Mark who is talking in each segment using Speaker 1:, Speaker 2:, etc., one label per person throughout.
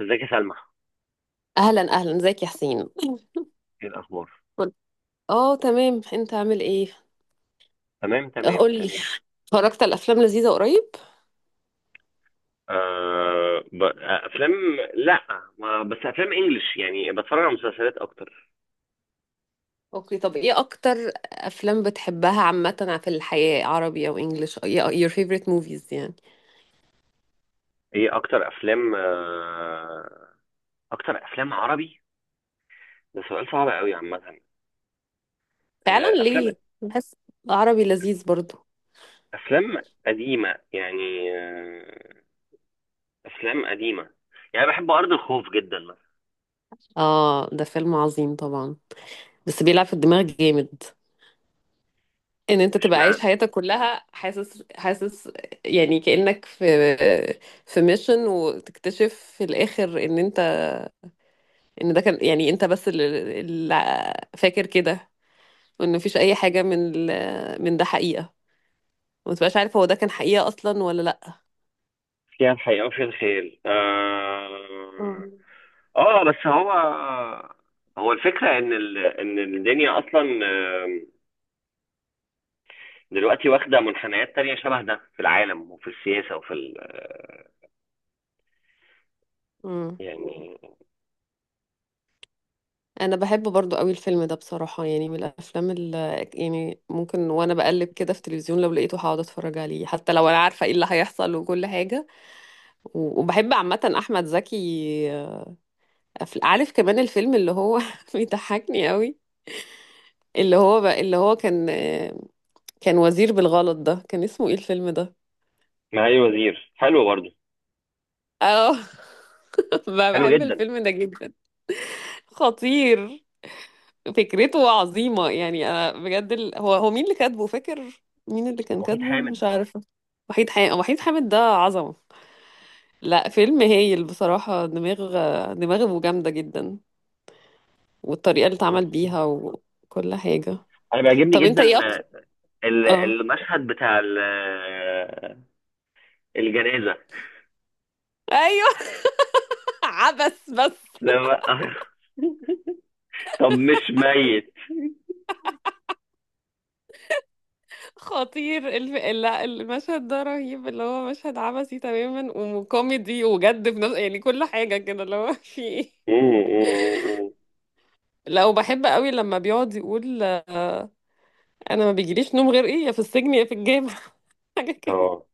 Speaker 1: ازيك يا سلمى؟
Speaker 2: اهلا اهلا، ازيك يا حسين.
Speaker 1: ايه الاخبار؟
Speaker 2: قول- اه تمام، انت عامل ايه؟
Speaker 1: تمام، تمام،
Speaker 2: قول لي،
Speaker 1: تمام.
Speaker 2: اتفرجت على افلام لذيذه قريب؟
Speaker 1: آه ب... آه، افلام. لا، ما... بس افلام انجلش، يعني بتفرج على مسلسلات اكتر.
Speaker 2: اوكي، طب ايه اكتر افلام بتحبها عامه في الحياه، عربي او انجليش؟ your favorite movies يعني.
Speaker 1: ايه اكتر افلام؟ اكتر افلام عربي. ده سؤال صعب قوي عامه.
Speaker 2: فعلا
Speaker 1: افلام،
Speaker 2: ليه؟ بحس عربي لذيذ برضو.
Speaker 1: افلام قديمه يعني. افلام قديمه، يعني بحب ارض الخوف جدا مثلا.
Speaker 2: اه ده فيلم عظيم طبعا، بس بيلعب في الدماغ جامد. ان انت تبقى عايش
Speaker 1: اشمعنى؟
Speaker 2: حياتك كلها حاسس حاسس يعني كأنك في في ميشن، وتكتشف في الاخر ان انت، ان ده كان يعني انت بس اللي فاكر كده، وان مفيش اي حاجه من ده حقيقه، وما تبقاش عارف هو ده كان حقيقه اصلا ولا لا.
Speaker 1: فيها الحقيقه وفيها الخيال.
Speaker 2: مم.
Speaker 1: اه، بس هو الفكرة ان الدنيا اصلا، آم، دلوقتي واخدة منحنيات تانية شبه ده، في العالم وفي السياسة وفي ال... آه،
Speaker 2: مم.
Speaker 1: يعني.
Speaker 2: انا بحب برضو قوي الفيلم ده بصراحه، يعني من الافلام اللي يعني ممكن وانا بقلب كده في التلفزيون لو لقيته هقعد اتفرج عليه، حتى لو انا عارفه ايه اللي هيحصل وكل حاجه. وبحب عامه احمد زكي. عارف كمان الفيلم اللي هو بيضحكني قوي، اللي هو بقى اللي هو كان كان وزير بالغلط، ده كان اسمه ايه الفيلم ده؟
Speaker 1: معالي الوزير حلو برضه.
Speaker 2: اه.
Speaker 1: حلو
Speaker 2: بحب
Speaker 1: جدا.
Speaker 2: الفيلم ده جدا. خطير. فكرته عظيمة، يعني انا بجد هو هو مين اللي كاتبه، فاكر؟ مين اللي كان
Speaker 1: وحيد
Speaker 2: كاتبه،
Speaker 1: حامد.
Speaker 2: مش عارفة. وحيد حامد. وحيد حامد ده عظمة. لا، فيلم هايل بصراحة. دماغ، دماغه جامدة جدا. والطريقة اللي
Speaker 1: وحيد
Speaker 2: اتعمل
Speaker 1: حامد.
Speaker 2: بيها وكل حاجة.
Speaker 1: انا بيعجبني
Speaker 2: طب انت
Speaker 1: جدا،
Speaker 2: ايه اكتر؟ اه.
Speaker 1: المشهد بتاع الجنازة.
Speaker 2: ايوه. عبس بس.
Speaker 1: لما طب مش ميت؟
Speaker 2: خطير لا، المشهد ده رهيب، اللي هو مشهد عبثي تماما وكوميدي وجد في نفس يعني كل حاجة كده، اللي هو في ايه.
Speaker 1: مم، مم، مم، مم.
Speaker 2: لا، وبحب قوي لما بيقعد يقول انا ما بيجيليش نوم غير ايه، يا في السجن يا في الجامع. حاجة كده.
Speaker 1: اه،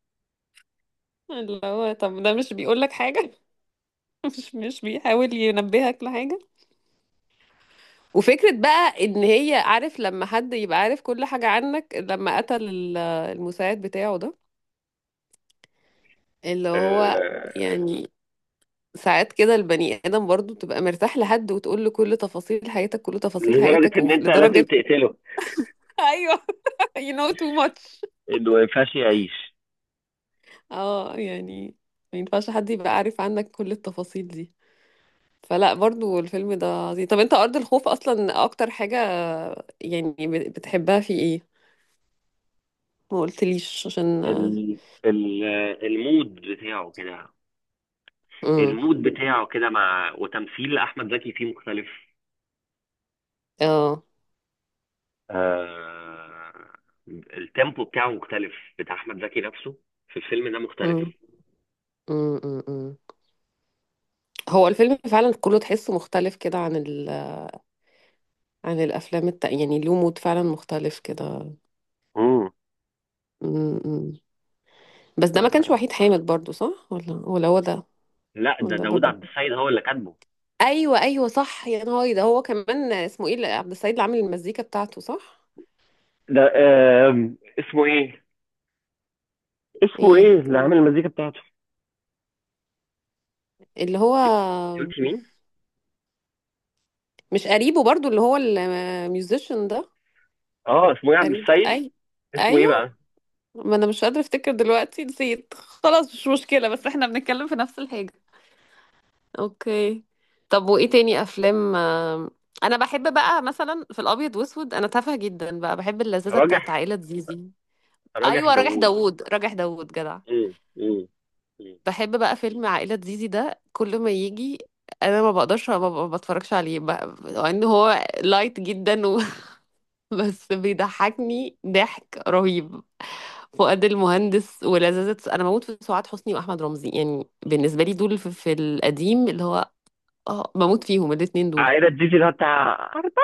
Speaker 2: اللي هو طب ده مش بيقول لك حاجة؟ مش بيحاول ينبهك لحاجة؟ وفكرة بقى ان هي عارف لما حد يبقى عارف كل حاجة عنك، لما قتل المساعد بتاعه ده، اللي هو
Speaker 1: آه،
Speaker 2: يعني ساعات كده البني آدم برضو بتبقى مرتاح لحد وتقول له كل تفاصيل حياتك، كل تفاصيل
Speaker 1: لدرجة
Speaker 2: حياتك،
Speaker 1: ان انت لازم
Speaker 2: ولدرجة.
Speaker 1: تقتله.
Speaker 2: ايوه. you know too much.
Speaker 1: انه ما ينفعش يعيش.
Speaker 2: اه يعني ما ينفعش حد يبقى عارف عنك كل التفاصيل دي. فلا برضو الفيلم ده عظيم. طب انت أرض الخوف أصلا أكتر حاجة يعني بتحبها في ايه؟ ما قلتليش عشان.
Speaker 1: ال... ال... المود بتاعه كده.
Speaker 2: امم.
Speaker 1: المود بتاعه كده، مع وتمثيل احمد زكي فيه مختلف.
Speaker 2: اه.
Speaker 1: آه... التيمبو بتاعه مختلف. بتاع احمد زكي نفسه في الفيلم ده مختلف.
Speaker 2: امم. امم. أمم. هو الفيلم فعلا كله تحسه مختلف كده عن الافلام التانية، يعني له مود فعلا مختلف كده.
Speaker 1: امم.
Speaker 2: امم. أمم. بس ده ما كانش وحيد حامد برضو، صح ولا هو ده؟
Speaker 1: لا، ده
Speaker 2: ولا
Speaker 1: داوود
Speaker 2: برضو.
Speaker 1: عبد السيد هو اللي كاتبه.
Speaker 2: ايوه ايوه صح، يا نهاري، ده هو كمان. اسمه ايه عبد السعيد اللي عامل المزيكا بتاعته، صح؟
Speaker 1: ده اسمه ايه؟ اسمه
Speaker 2: ايه
Speaker 1: ايه اللي عامل المزيكا بتاعته؟
Speaker 2: اللي هو
Speaker 1: قلت مين؟
Speaker 2: مش قريبه برضو، اللي هو الميوزيشن ده؟
Speaker 1: اه، اسمه ايه؟ عبد
Speaker 2: قريب
Speaker 1: السيد،
Speaker 2: اي.
Speaker 1: اسمه ايه
Speaker 2: ايوه.
Speaker 1: بقى؟
Speaker 2: ما انا مش قادره افتكر دلوقتي، نسيت خلاص، مش مشكله بس احنا بنتكلم في نفس الحاجه. اوكي. طب وايه تاني افلام؟ انا بحب بقى مثلا في الابيض واسود، انا تافهه جدا بقى، بحب اللذاذه بتاعت
Speaker 1: راجح.
Speaker 2: عائله زيزي.
Speaker 1: راجح
Speaker 2: ايوه راجح
Speaker 1: داوود.
Speaker 2: داوود، راجح داوود جدع.
Speaker 1: مم، مم، مم.
Speaker 2: بحب بقى فيلم عائلة زيزي ده كل ما يجي انا ما بقدرش ما بتفرجش عليه بقى، مع ان هو لايت جدا بس بيضحكني ضحك رهيب. فؤاد المهندس ولذاذة، انا بموت في سعاد حسني واحمد رمزي، يعني بالنسبه لي دول في القديم اللي هو، اه بموت فيهم الاتنين دول.
Speaker 1: عائلة جيجي، اللي هو بتاع أربابة.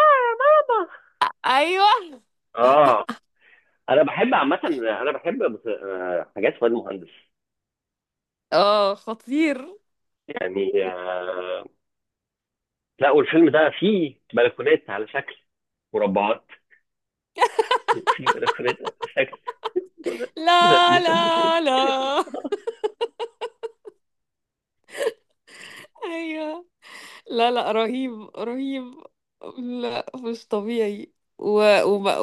Speaker 2: ايوه.
Speaker 1: اه، انا بحب عامة، انا بحب حاجات فؤاد مهندس.
Speaker 2: اه خطير.
Speaker 1: يعني لا، والفيلم ده فيه بلكونات على شكل مربعات، وفيه بلكونات على شكل
Speaker 2: لا
Speaker 1: مثلثات.
Speaker 2: لا لا. ايوه. لا لا، رهيب رهيب. لا مش طبيعي. و... وب...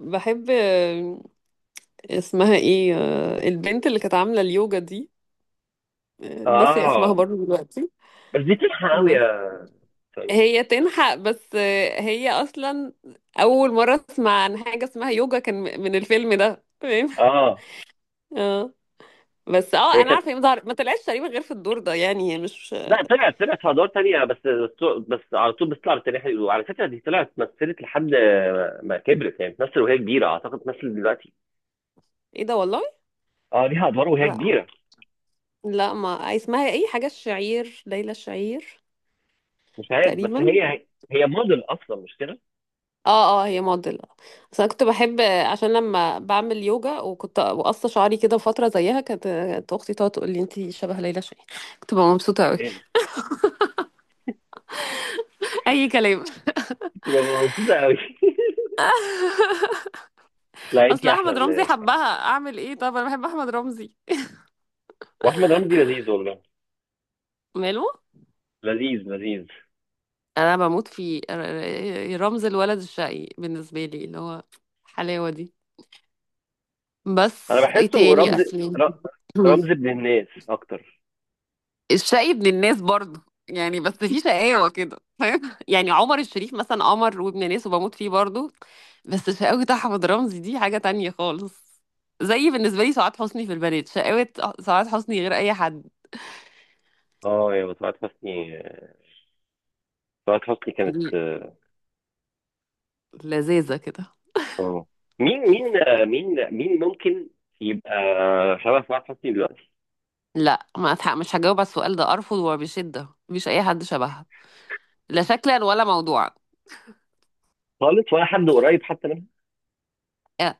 Speaker 2: وبحب. اسمها ايه البنت اللي كانت عاملة اليوجا دي؟ ناسية اسمها
Speaker 1: اه،
Speaker 2: برضه دلوقتي.
Speaker 1: بس دي تلحق قوي
Speaker 2: بس.
Speaker 1: يا فندم.
Speaker 2: هي تنحق بس، هي اصلا اول مرة اسمع عن حاجة اسمها يوجا كان من الفيلم ده، فاهم؟
Speaker 1: اه
Speaker 2: اه. بس اه
Speaker 1: هي
Speaker 2: انا
Speaker 1: كانت،
Speaker 2: عارفة هي ما طلعتش تقريبا غير في الدور ده، يعني هي مش.
Speaker 1: لا، طلعت، طلعت في ادوار تانية، بس، بس على طول بتطلع بالتاريخ. وعلى فكرة دي طلعت مثلت لحد ما كبرت، يعني بتمثل وهي كبيرة، اعتقد بتمثل دلوقتي.
Speaker 2: ايه ده والله؟
Speaker 1: اه، ليها ادوار وهي
Speaker 2: لا
Speaker 1: كبيرة.
Speaker 2: لا. ما اسمها ايه، حاجة الشعير، ليلى الشعير.
Speaker 1: مش عارف، بس
Speaker 2: تقريبا.
Speaker 1: هي، هي موديل اصلا مش كده؟
Speaker 2: اه اه هي موديل. بس انا كنت بحب عشان لما بعمل يوجا وكنت بقص شعري كده فتره زيها، كانت كانت اختي تقعد تقول لي انت شبه ليلى شاهين، كنت ببقى مبسوطه قوي.
Speaker 1: ايه ده؟
Speaker 2: اي كلام.
Speaker 1: تبقى مبسوطه قوي؟ لا، انت
Speaker 2: اصل
Speaker 1: احلى
Speaker 2: احمد
Speaker 1: من ده.
Speaker 2: رمزي
Speaker 1: يعني،
Speaker 2: حبها، اعمل ايه؟ طب انا بحب احمد رمزي.
Speaker 1: واحمد رمزي لذيذ والله.
Speaker 2: ماله.
Speaker 1: لذيذ لذيذ.
Speaker 2: انا بموت في رمز الولد الشقي بالنسبه لي، اللي هو الحلاوه دي.
Speaker 1: انا
Speaker 2: بس ايه
Speaker 1: بحسه
Speaker 2: تاني
Speaker 1: رمز،
Speaker 2: اسلم.
Speaker 1: ر- رمز ابن الناس اكتر.
Speaker 2: الشقي ابن الناس برضه يعني، بس في شقاوة كده، فاهم؟ يعني عمر الشريف مثلا قمر وابن ناس وبموت فيه برضه، بس شقاوة أحمد رمزي دي حاجة تانية خالص. زي بالنسبة لي سعاد حسني في البنات، شقاوة سعاد حسني غير أي حد.
Speaker 1: اه يا طلعت حسني، طلعت حسني كانت.
Speaker 2: ل- لذيذة كده.
Speaker 1: اه، مين مين آه، مين مين ممكن يبقى شبه طلعت حسني دلوقتي؟
Speaker 2: لا، ما أتح- مش هجاوب على السؤال ده، أرفض وبشدة، مفيش أي حد شبهها، لا شكلا ولا موضوعا.
Speaker 1: خالص، ولا حد قريب حتى منها؟
Speaker 2: أ-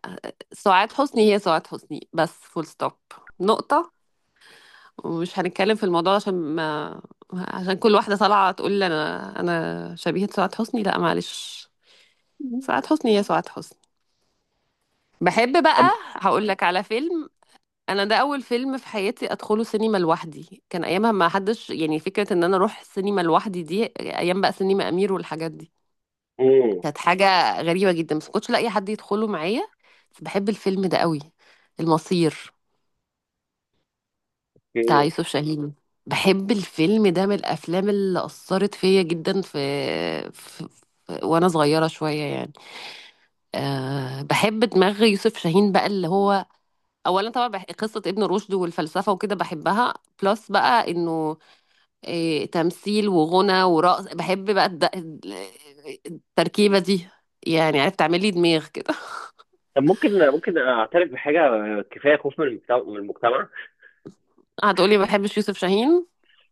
Speaker 2: سعاد حسني هي سعاد حسني، بس، فول ستوب، نقطة. ومش هنتكلم في الموضوع عشان ما، عشان كل واحدة طالعة تقول لي أنا أنا شبيهة سعاد حسني. لا، معلش، سعاد حسني هي سعاد حسني. بحب بقى.
Speaker 1: طب.
Speaker 2: هقول لك على فيلم. أنا ده أول فيلم في حياتي أدخله سينما لوحدي، كان أيامها ما حدش، يعني فكرة إن أنا أروح السينما لوحدي دي، أيام بقى سينما أمير والحاجات دي،
Speaker 1: مم.
Speaker 2: كانت حاجة غريبة جدا، بس ما كنتش لاقي حد يدخله معايا. بس بحب الفيلم ده قوي. المصير بتاع
Speaker 1: اوكي.
Speaker 2: يوسف شاهين. بحب الفيلم ده من الافلام اللي اثرت فيا جدا في... وانا صغيره شويه يعني. أه بحب دماغ يوسف شاهين بقى اللي هو، اولا طبعا قصه ابن رشد والفلسفه وكده بحبها، بلس بقى انه إيه، تمثيل وغنى ورقص، بحب بقى التركيبه دي، يعني عرفت تعمل لي دماغ كده.
Speaker 1: طب، ممكن اعترف بحاجه؟ كفايه خوف من المجتمع، من المجتمع.
Speaker 2: هتقولي ما بحبش يوسف شاهين.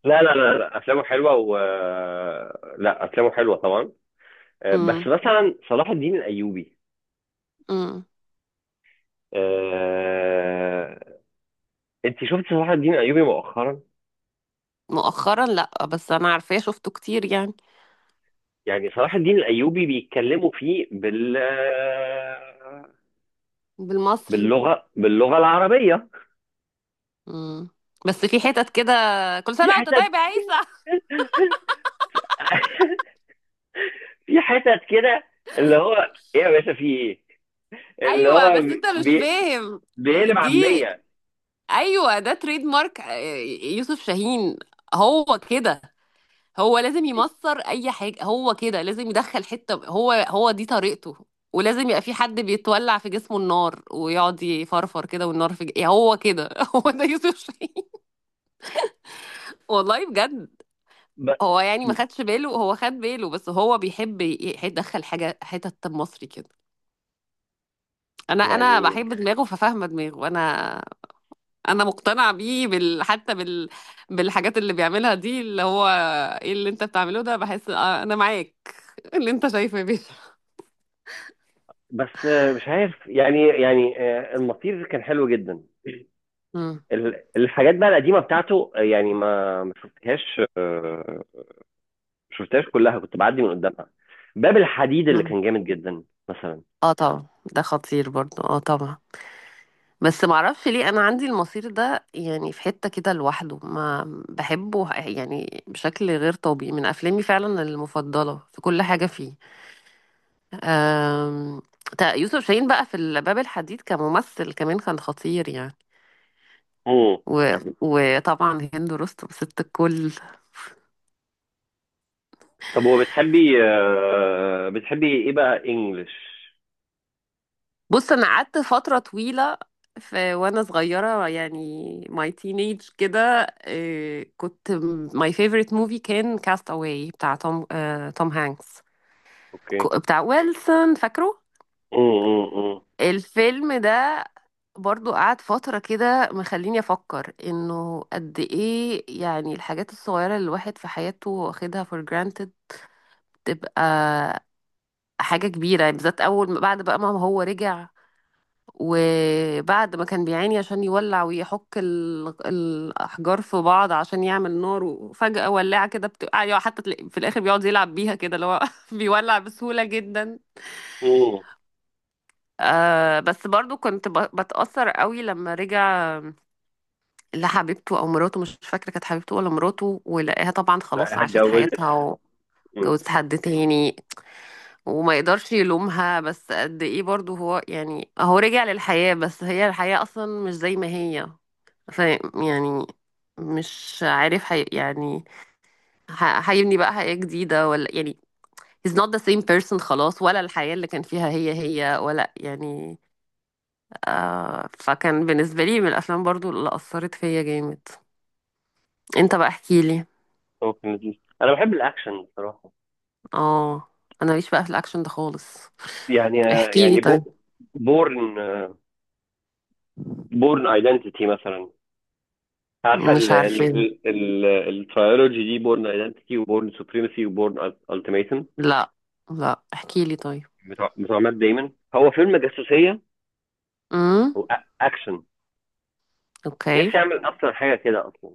Speaker 1: لا لا لا لا، افلامه حلوه، و لا افلامه حلوه طبعا. بس
Speaker 2: امم.
Speaker 1: مثلا صلاح الدين الايوبي.
Speaker 2: امم.
Speaker 1: آه، انت شفت صلاح الدين الايوبي مؤخرا؟
Speaker 2: مؤخرا لا، بس انا عارفاه شفته كتير يعني.
Speaker 1: يعني صلاح الدين الايوبي بيتكلموا فيه
Speaker 2: بالمصري.
Speaker 1: باللغه، باللغه العربيه.
Speaker 2: مم. بس في حتت كده، كل
Speaker 1: في
Speaker 2: سنة وانت
Speaker 1: حتت
Speaker 2: طيب يا عيسى.
Speaker 1: في حتت كده، اللي هو ايه يا باشا، في ايه، اللي
Speaker 2: ايوه
Speaker 1: هو
Speaker 2: بس انت مش
Speaker 1: بي...
Speaker 2: فاهم
Speaker 1: بيقلب
Speaker 2: دي.
Speaker 1: عاميه.
Speaker 2: ايوه ده تريد مارك يوسف شاهين، هو كده، هو لازم يمصر اي حاجة، هو كده لازم يدخل حتة، هو هو دي طريقته، ولازم يبقى في حد بيتولع في جسمه النار ويقعد يفرفر كده والنار في ج... يعني هو كده هو ده يوسف شاهين. والله بجد.
Speaker 1: ب...
Speaker 2: هو يعني ما خدش باله، هو خد باله بس هو بيحب يدخل حاجة حتة مصري كده. انا
Speaker 1: يعني،
Speaker 2: بحب دماغه ففاهمه دماغه انا. انا مقتنعه بيه حتى بالحاجات اللي بيعملها دي، اللي هو ايه اللي انت بتعمله ده، بحس انا معاك اللي انت شايفه بيه.
Speaker 1: بس مش عارف، يعني، يعني المطير كان حلو جدا.
Speaker 2: مم.
Speaker 1: الحاجات بقى القديمه بتاعته، يعني ما شفتهاش، ما شفتهاش كلها، كنت بعدي من قدامها. باب الحديد اللي
Speaker 2: مم.
Speaker 1: كان جامد جدا مثلا.
Speaker 2: اه طبعا. ده خطير برضو اه طبعا. بس معرفش ليه انا عندي المصير ده يعني في حتة كده لوحده، ما بحبه يعني بشكل غير طبيعي، من افلامي فعلا المفضلة، في كل حاجة فيه. أم... يوسف شاهين بقى في الباب الحديد كممثل كمان كان خطير يعني.
Speaker 1: امم.
Speaker 2: وطبعا هند رستم ست الكل.
Speaker 1: طب، وبتحبي بتحبي ايه بقى انجلش؟
Speaker 2: بص انا قعدت فتره طويله في وانا صغيره يعني، ماي تينيج كده، إيه، كنت ماي فيفورت موفي كان كاست اواي بتاع توم، توم هانكس،
Speaker 1: اوكي.
Speaker 2: بتاع ويلسون، فاكره
Speaker 1: امم،
Speaker 2: الفيلم ده؟ برضو قعد فترة كده مخليني أفكر إنه قد إيه يعني الحاجات الصغيرة اللي الواحد في حياته واخدها for granted تبقى حاجة كبيرة، يعني بالذات أول ما بعد بقى ما هو رجع، وبعد ما كان بيعاني عشان يولع ويحك الأحجار في بعض عشان يعمل نار، وفجأة ولاعة كده بتبقى، يعني حتى تلاقي، في الآخر بيقعد يلعب بيها كده اللي هو بيولع بسهولة جدا.
Speaker 1: امم.
Speaker 2: آه بس برضو كنت بتأثر قوي لما رجع لحبيبته أو مراته، مش فاكرة كانت حبيبته ولا مراته، ولقاها طبعا خلاص
Speaker 1: بقى
Speaker 2: عاشت
Speaker 1: اتجوزت.
Speaker 2: حياتها
Speaker 1: امم.
Speaker 2: وجوزت حد تاني، وما يقدرش يلومها، بس قد ايه برضو هو يعني هو رجع للحياة بس هي الحياة اصلا مش زي ما هي. ف يعني، مش عارف حي يعني هيبني بقى حياة جديدة ولا يعني، he's not the same person خلاص، ولا الحياة اللي كان فيها هي هي، ولا يعني. آه، فكان بالنسبة لي من الأفلام برضو اللي أثرت فيا جامد. انت بقى احكيلي.
Speaker 1: اوكي لذيذ. انا بحب الاكشن بصراحه.
Speaker 2: اه. أنا ماليش بقى في الأكشن ده خالص.
Speaker 1: يعني
Speaker 2: احكيلي
Speaker 1: يعني
Speaker 2: طيب.
Speaker 1: بورن، بورن ايدنتيتي مثلا. عارفه
Speaker 2: مش
Speaker 1: ال ال
Speaker 2: عارفة.
Speaker 1: ال الترايولوجي دي، بورن ايدنتيتي وبورن سوبريمسي وبورن التيميتم؟
Speaker 2: لا لا، احكيلي طيب.
Speaker 1: بتوع مات دايمون. هو فيلم جاسوسيه
Speaker 2: Mm.
Speaker 1: واكشن.
Speaker 2: اوكي.
Speaker 1: نفسي اعمل اصلا حاجه كده اصلا.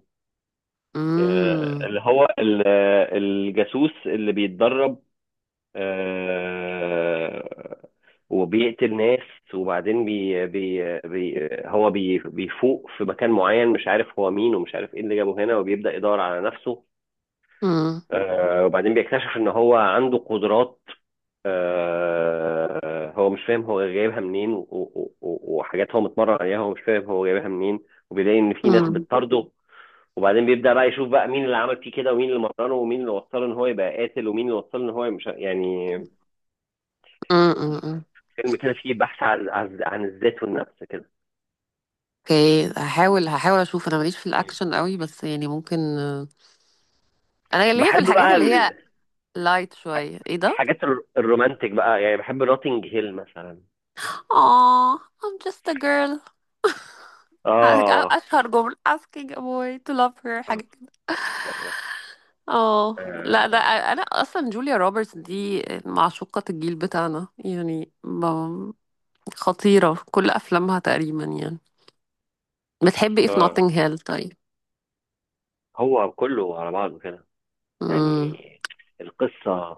Speaker 2: امم.
Speaker 1: اللي هو الجاسوس اللي بيتدرب، آه، وبيقتل ناس. وبعدين بي بي بي هو بيفوق في مكان معين، مش عارف هو مين، ومش عارف ايه اللي جابه هنا، وبيبدأ يدور على نفسه.
Speaker 2: امم.
Speaker 1: وبعدين بيكتشف ان هو عنده قدرات. هو مش فاهم هو جايبها منين، وحاجات هو متمرن عليها، هو مش فاهم هو جايبها منين. وبيلاقي ان في ناس
Speaker 2: امم.
Speaker 1: بتطارده. وبعدين بيبدأ بقى يشوف بقى مين اللي عمل فيه كده، ومين اللي مرنه، ومين اللي وصله ان هو يبقى قاتل، ومين اللي وصله ان هو مش، يعني.
Speaker 2: امم.
Speaker 1: فيلم كده فيه بحث عن عن الذات والنفس كده.
Speaker 2: اوكي هحاول هحاول اشوف، انا ماليش في الاكشن قوي بس يعني ممكن. انا ليا في
Speaker 1: وبحب
Speaker 2: الحاجات
Speaker 1: بقى
Speaker 2: اللي هي لايت شويه، ايه ده؟
Speaker 1: الحاجات الرومانتك بقى، يعني بحب نوتنج هيل مثلا.
Speaker 2: اه I'm just a girl.
Speaker 1: اه.
Speaker 2: اشهر جمله asking a boy to love her، حاجه كده.
Speaker 1: آه.
Speaker 2: اه. لا ده انا اصلا جوليا روبرتس دي معشوقة الجيل بتاعنا يعني خطيرة في كل افلامها تقريبا يعني. بتحبي ايه في
Speaker 1: آه.
Speaker 2: نوتنج هيل طيب؟
Speaker 1: هو كله على بعضه كده يعني.
Speaker 2: امم.
Speaker 1: القصة،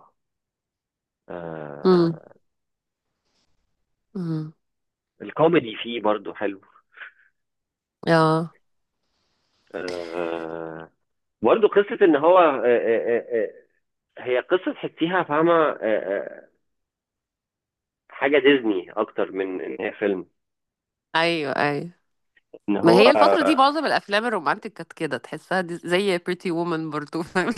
Speaker 2: امم.
Speaker 1: آه.
Speaker 2: امم.
Speaker 1: الكوميدي فيه برضو حلو.
Speaker 2: اه.
Speaker 1: آه، برضو قصة ان هو هي قصة تحسيها فاهمة. حاجة ديزني اكتر من ان هي فيلم.
Speaker 2: ايوه ايوه،
Speaker 1: ان
Speaker 2: ما
Speaker 1: هو
Speaker 2: هي الفترة دي معظم الأفلام الرومانتك كانت كده تحسها، دي زي Pretty Woman برضو فاهم.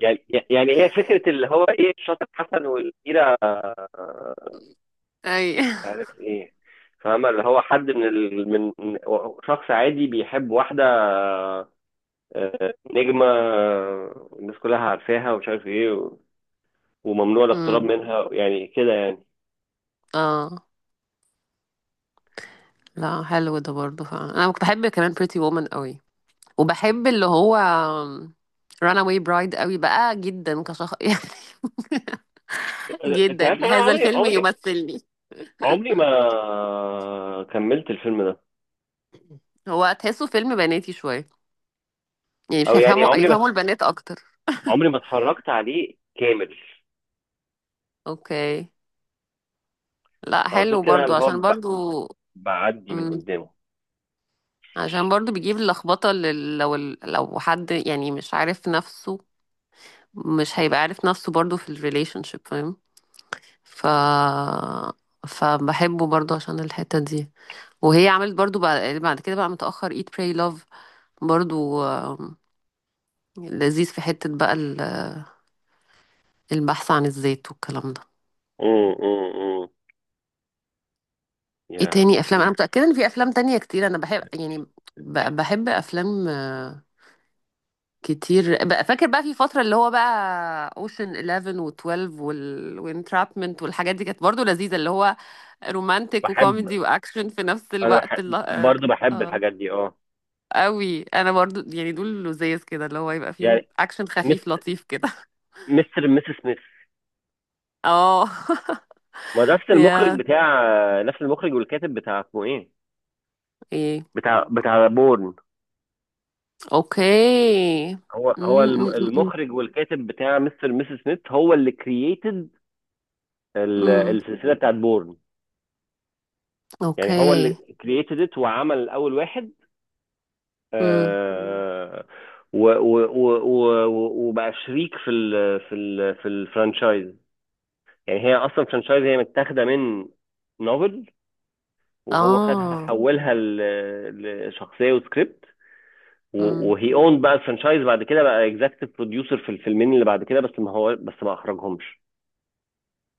Speaker 1: يعني يعني هي فكرة، اللي هو ايه، الشاطر حسن والكبيرة،
Speaker 2: أي.
Speaker 1: مش عارف ايه، فاهمة، اللي هو حد من شخص عادي بيحب واحدة نجمة، الناس كلها عارفاها، ومش عارف ايه، و- وممنوع الاقتراب
Speaker 2: امم.
Speaker 1: منها، يعني كده يعني.
Speaker 2: اه. لا حلو ده برضو فعلا، أنا كنت بحب كمان Pretty Woman قوي. وبحب اللي هو Runaway Bride قوي بقى جدا كشخص يعني،
Speaker 1: انت عارف إن
Speaker 2: جدا
Speaker 1: انا
Speaker 2: هذا
Speaker 1: عمري
Speaker 2: الفيلم
Speaker 1: عمري
Speaker 2: يمثلني.
Speaker 1: عمري ما كملت الفيلم ده؟
Speaker 2: هو تحسه فيلم بناتي شوية يعني، مش
Speaker 1: او يعني
Speaker 2: هيفهموا،
Speaker 1: عمري ما
Speaker 2: يفهموا البنات أكتر.
Speaker 1: عمري ما اتفرجت عليه كامل.
Speaker 2: اوكي. لا
Speaker 1: على
Speaker 2: حلو
Speaker 1: طول كده،
Speaker 2: برضو
Speaker 1: اللي هو
Speaker 2: عشان برضو.
Speaker 1: بعدي من
Speaker 2: امم.
Speaker 1: قدامه.
Speaker 2: عشان برضو بيجيب اللخبطة لو حد يعني مش عارف نفسه، مش هيبقى عارف نفسه برضو في الريليشن شيب، فاهم؟ ف فبحبه برضو عشان الحتة دي. وهي عملت برضو بعد كده بقى متأخر Eat Pray Love برضو، لذيذ في حتة بقى البحث عن الذات والكلام ده.
Speaker 1: امم، امم، امم.
Speaker 2: ايه
Speaker 1: يا،
Speaker 2: تاني
Speaker 1: ايه
Speaker 2: افلام؟ انا
Speaker 1: ده.
Speaker 2: متأكدة ان في افلام تانية كتير انا بحب يعني، بحب افلام كتير بقى. فاكر بقى في فترة اللي هو بقى اوشن 11 و12 وانترابمنت والحاجات دي كانت برضو لذيذة، اللي هو رومانتك
Speaker 1: بحب
Speaker 2: وكوميدي واكشن في نفس
Speaker 1: انا
Speaker 2: الوقت اللي...
Speaker 1: بحب
Speaker 2: اه.
Speaker 1: برضه،
Speaker 2: آه.
Speaker 1: الحاجات دي، اه.
Speaker 2: قوي، انا برضو يعني دول لذيذ كده اللي هو يبقى
Speaker 1: يعني
Speaker 2: فيهم اكشن خفيف
Speaker 1: مستر
Speaker 2: لطيف كده.
Speaker 1: مستر مستر سميث.
Speaker 2: اه.
Speaker 1: ما ده نفس المخرج
Speaker 2: يا
Speaker 1: بتاع، نفس المخرج والكاتب بتاع، اسمه ايه،
Speaker 2: ايه.
Speaker 1: بتاع بورن.
Speaker 2: اوكي.
Speaker 1: هو،
Speaker 2: م- م- م-
Speaker 1: المخرج والكاتب بتاع مستر ميسي سميث، هو اللي كرييتد
Speaker 2: م. م.
Speaker 1: السلسله بتاعت بورن. يعني هو اللي
Speaker 2: اوكي.
Speaker 1: كرييتد ات، وعمل اول واحد.
Speaker 2: م.
Speaker 1: آه. وبقى شريك في الفرانشايز. يعني هي اصلا فرانشايز، هي متاخده من نوفل، وهو خدها،
Speaker 2: اه.
Speaker 1: حولها لشخصيه وسكريبت.
Speaker 2: م.
Speaker 1: وهي اون بقى الفرنشايز بعد كده، بقى اكزكتيف بروديوسر في الفيلمين اللي بعد كده، بس ما اخرجهمش.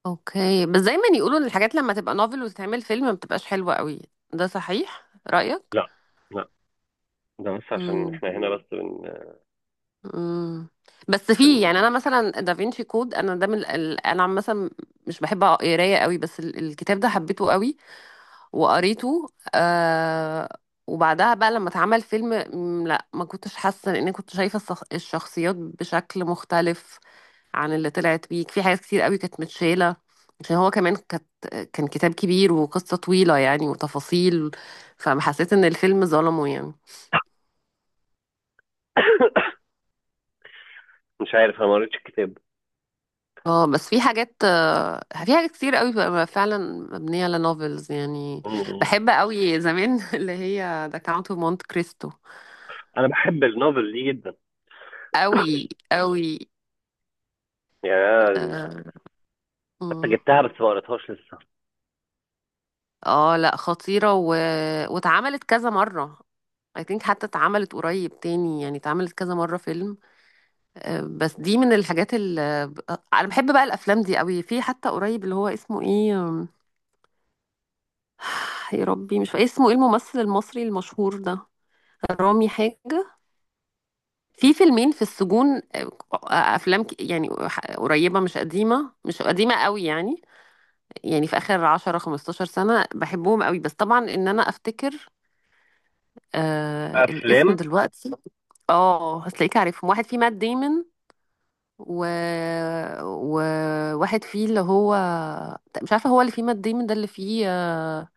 Speaker 2: اوكي، بس دايما يقولوا ان الحاجات لما تبقى نوفل وتتعمل فيلم ما بتبقاش حلوة قوي، ده صحيح رأيك؟
Speaker 1: لا، لا، ده بس عشان
Speaker 2: امم.
Speaker 1: احنا هنا، بس
Speaker 2: امم. بس في يعني،
Speaker 1: بن...
Speaker 2: انا مثلا دافينشي كود، انا ده انا مثلا مش بحب قرايه قوي بس الكتاب ده حبيته قوي وقريته. آه... وبعدها بقى لما اتعمل فيلم لا ما كنتش حاسه، لان كنت شايفه الشخصيات بشكل مختلف عن اللي طلعت بيه، في حاجات كتير قوي كانت متشالة، عشان هو كمان كانت، كان كتاب كبير وقصة طويلة يعني وتفاصيل، فحسيت ان الفيلم ظلمه يعني.
Speaker 1: مش عارف، انا ما قريتش الكتاب.
Speaker 2: اه بس في حاجات في حاجات كتير قوي بقى فعلا مبنية على نوفلز يعني.
Speaker 1: مم.
Speaker 2: بحب قوي زمان اللي هي ذا كاونت اوف مونت كريستو.
Speaker 1: انا بحب النوفل دي جدا.
Speaker 2: قوي قوي.
Speaker 1: يعني
Speaker 2: اه.
Speaker 1: حتى
Speaker 2: مم.
Speaker 1: جبتها، بس ما قريتهاش لسه.
Speaker 2: لا خطيرة واتعملت كذا مرة. I think حتى اتعملت قريب تاني يعني، اتعملت كذا مرة فيلم. بس دي من الحاجات اللي انا بحب بقى الافلام دي قوي. في حتى قريب اللي هو اسمه ايه، يا ربي مش فاكر اسمه ايه، الممثل المصري المشهور ده رامي حاجة، في فيلمين في السجون، افلام يعني قريبة، مش قديمة، مش قديمة قوي يعني، يعني في اخر 10 15 سنة، بحبهم قوي بس طبعا ان انا افتكر آه الاسم
Speaker 1: افلام
Speaker 2: دلوقتي. اه هتلاقيك عارفهم، واحد فيه مات ديمون و... وواحد فيه اللي هو، مش عارفة هو اللي فيه مات ديمون ده اللي فيه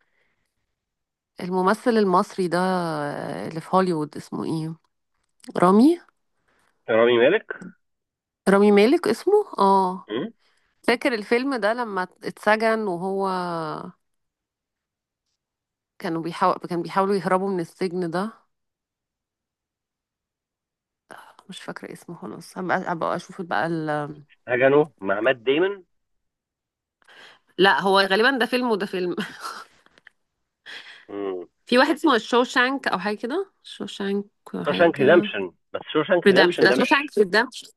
Speaker 2: الممثل المصري ده اللي في هوليوود اسمه ايه، رامي.
Speaker 1: رامي مالك.
Speaker 2: رامي مالك اسمه، اه.
Speaker 1: مم.
Speaker 2: فاكر الفيلم ده لما اتسجن وهو، كانوا بيحاول، كان بيحاولوا يهربوا من السجن ده. مش فاكرة اسمه خلاص، هبقى اشوف بقى ال...
Speaker 1: هجنو مع مات ديمون؟
Speaker 2: لا هو غالبا ده فيلم وده فيلم. في واحد اسمه شوشانك او حاجة كده، شوشانك
Speaker 1: شوشانك
Speaker 2: حاجة.
Speaker 1: ريدمشن، بس شوشانك
Speaker 2: ريدمشن،
Speaker 1: ريدمشن
Speaker 2: ده
Speaker 1: ده مش،
Speaker 2: شوشانك ريدمشن.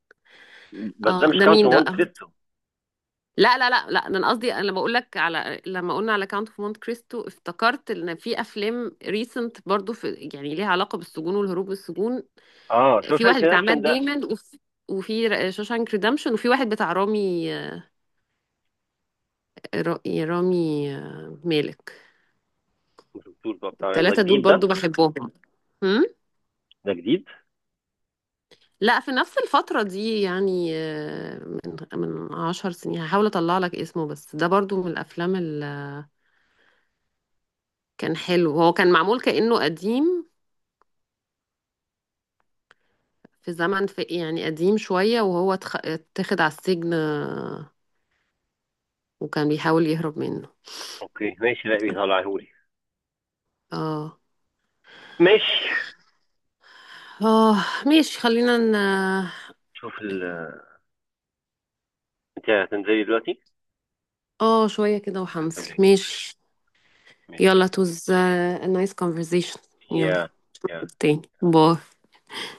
Speaker 1: بس ده
Speaker 2: اه
Speaker 1: مش
Speaker 2: ده
Speaker 1: كاونت
Speaker 2: مين
Speaker 1: اوف
Speaker 2: ده
Speaker 1: مونت
Speaker 2: بقى.
Speaker 1: كريستو.
Speaker 2: لا لا لا لا، ده انا قصدي انا بقول لك على، لما قلنا على كاونت اوف مونت كريستو افتكرت ان في افلام ريسنت برضو، في يعني ليها علاقه بالسجون والهروب من السجون.
Speaker 1: اه،
Speaker 2: في
Speaker 1: شوشانك
Speaker 2: واحد بتاع مات
Speaker 1: ريدمشن ده.
Speaker 2: ديمون، وفي وفي شوشانك ريدمشن، وفي واحد بتاع رامي، رامي مالك.
Speaker 1: ما شفتوش بقى بتاع ده
Speaker 2: الثلاثه دول
Speaker 1: جديد؟ ده
Speaker 2: برضو بحبهم. هم؟
Speaker 1: ده جديد.
Speaker 2: لا في نفس الفتره دي يعني من من 10 سنين. اطلع لك اسمه، بس ده برضو من الافلام اللي كان حلو، هو كان معمول كانه قديم في زمن، في يعني قديم شوية، وهو اتاخد على السجن وكان بيحاول يهرب منه.
Speaker 1: اوكي ماشي، لا بيطلعهولي.
Speaker 2: اه.
Speaker 1: ماشي.
Speaker 2: اه ماشي خلينا ن...
Speaker 1: شوف ال آه، انت هتنزلي دلوقتي؟
Speaker 2: اه شوية كده وحنصل،
Speaker 1: صدقني.
Speaker 2: ماشي. يلا
Speaker 1: ماشي.
Speaker 2: it was a nice conversation. يلا.
Speaker 1: يا. يا.
Speaker 2: تاني باي.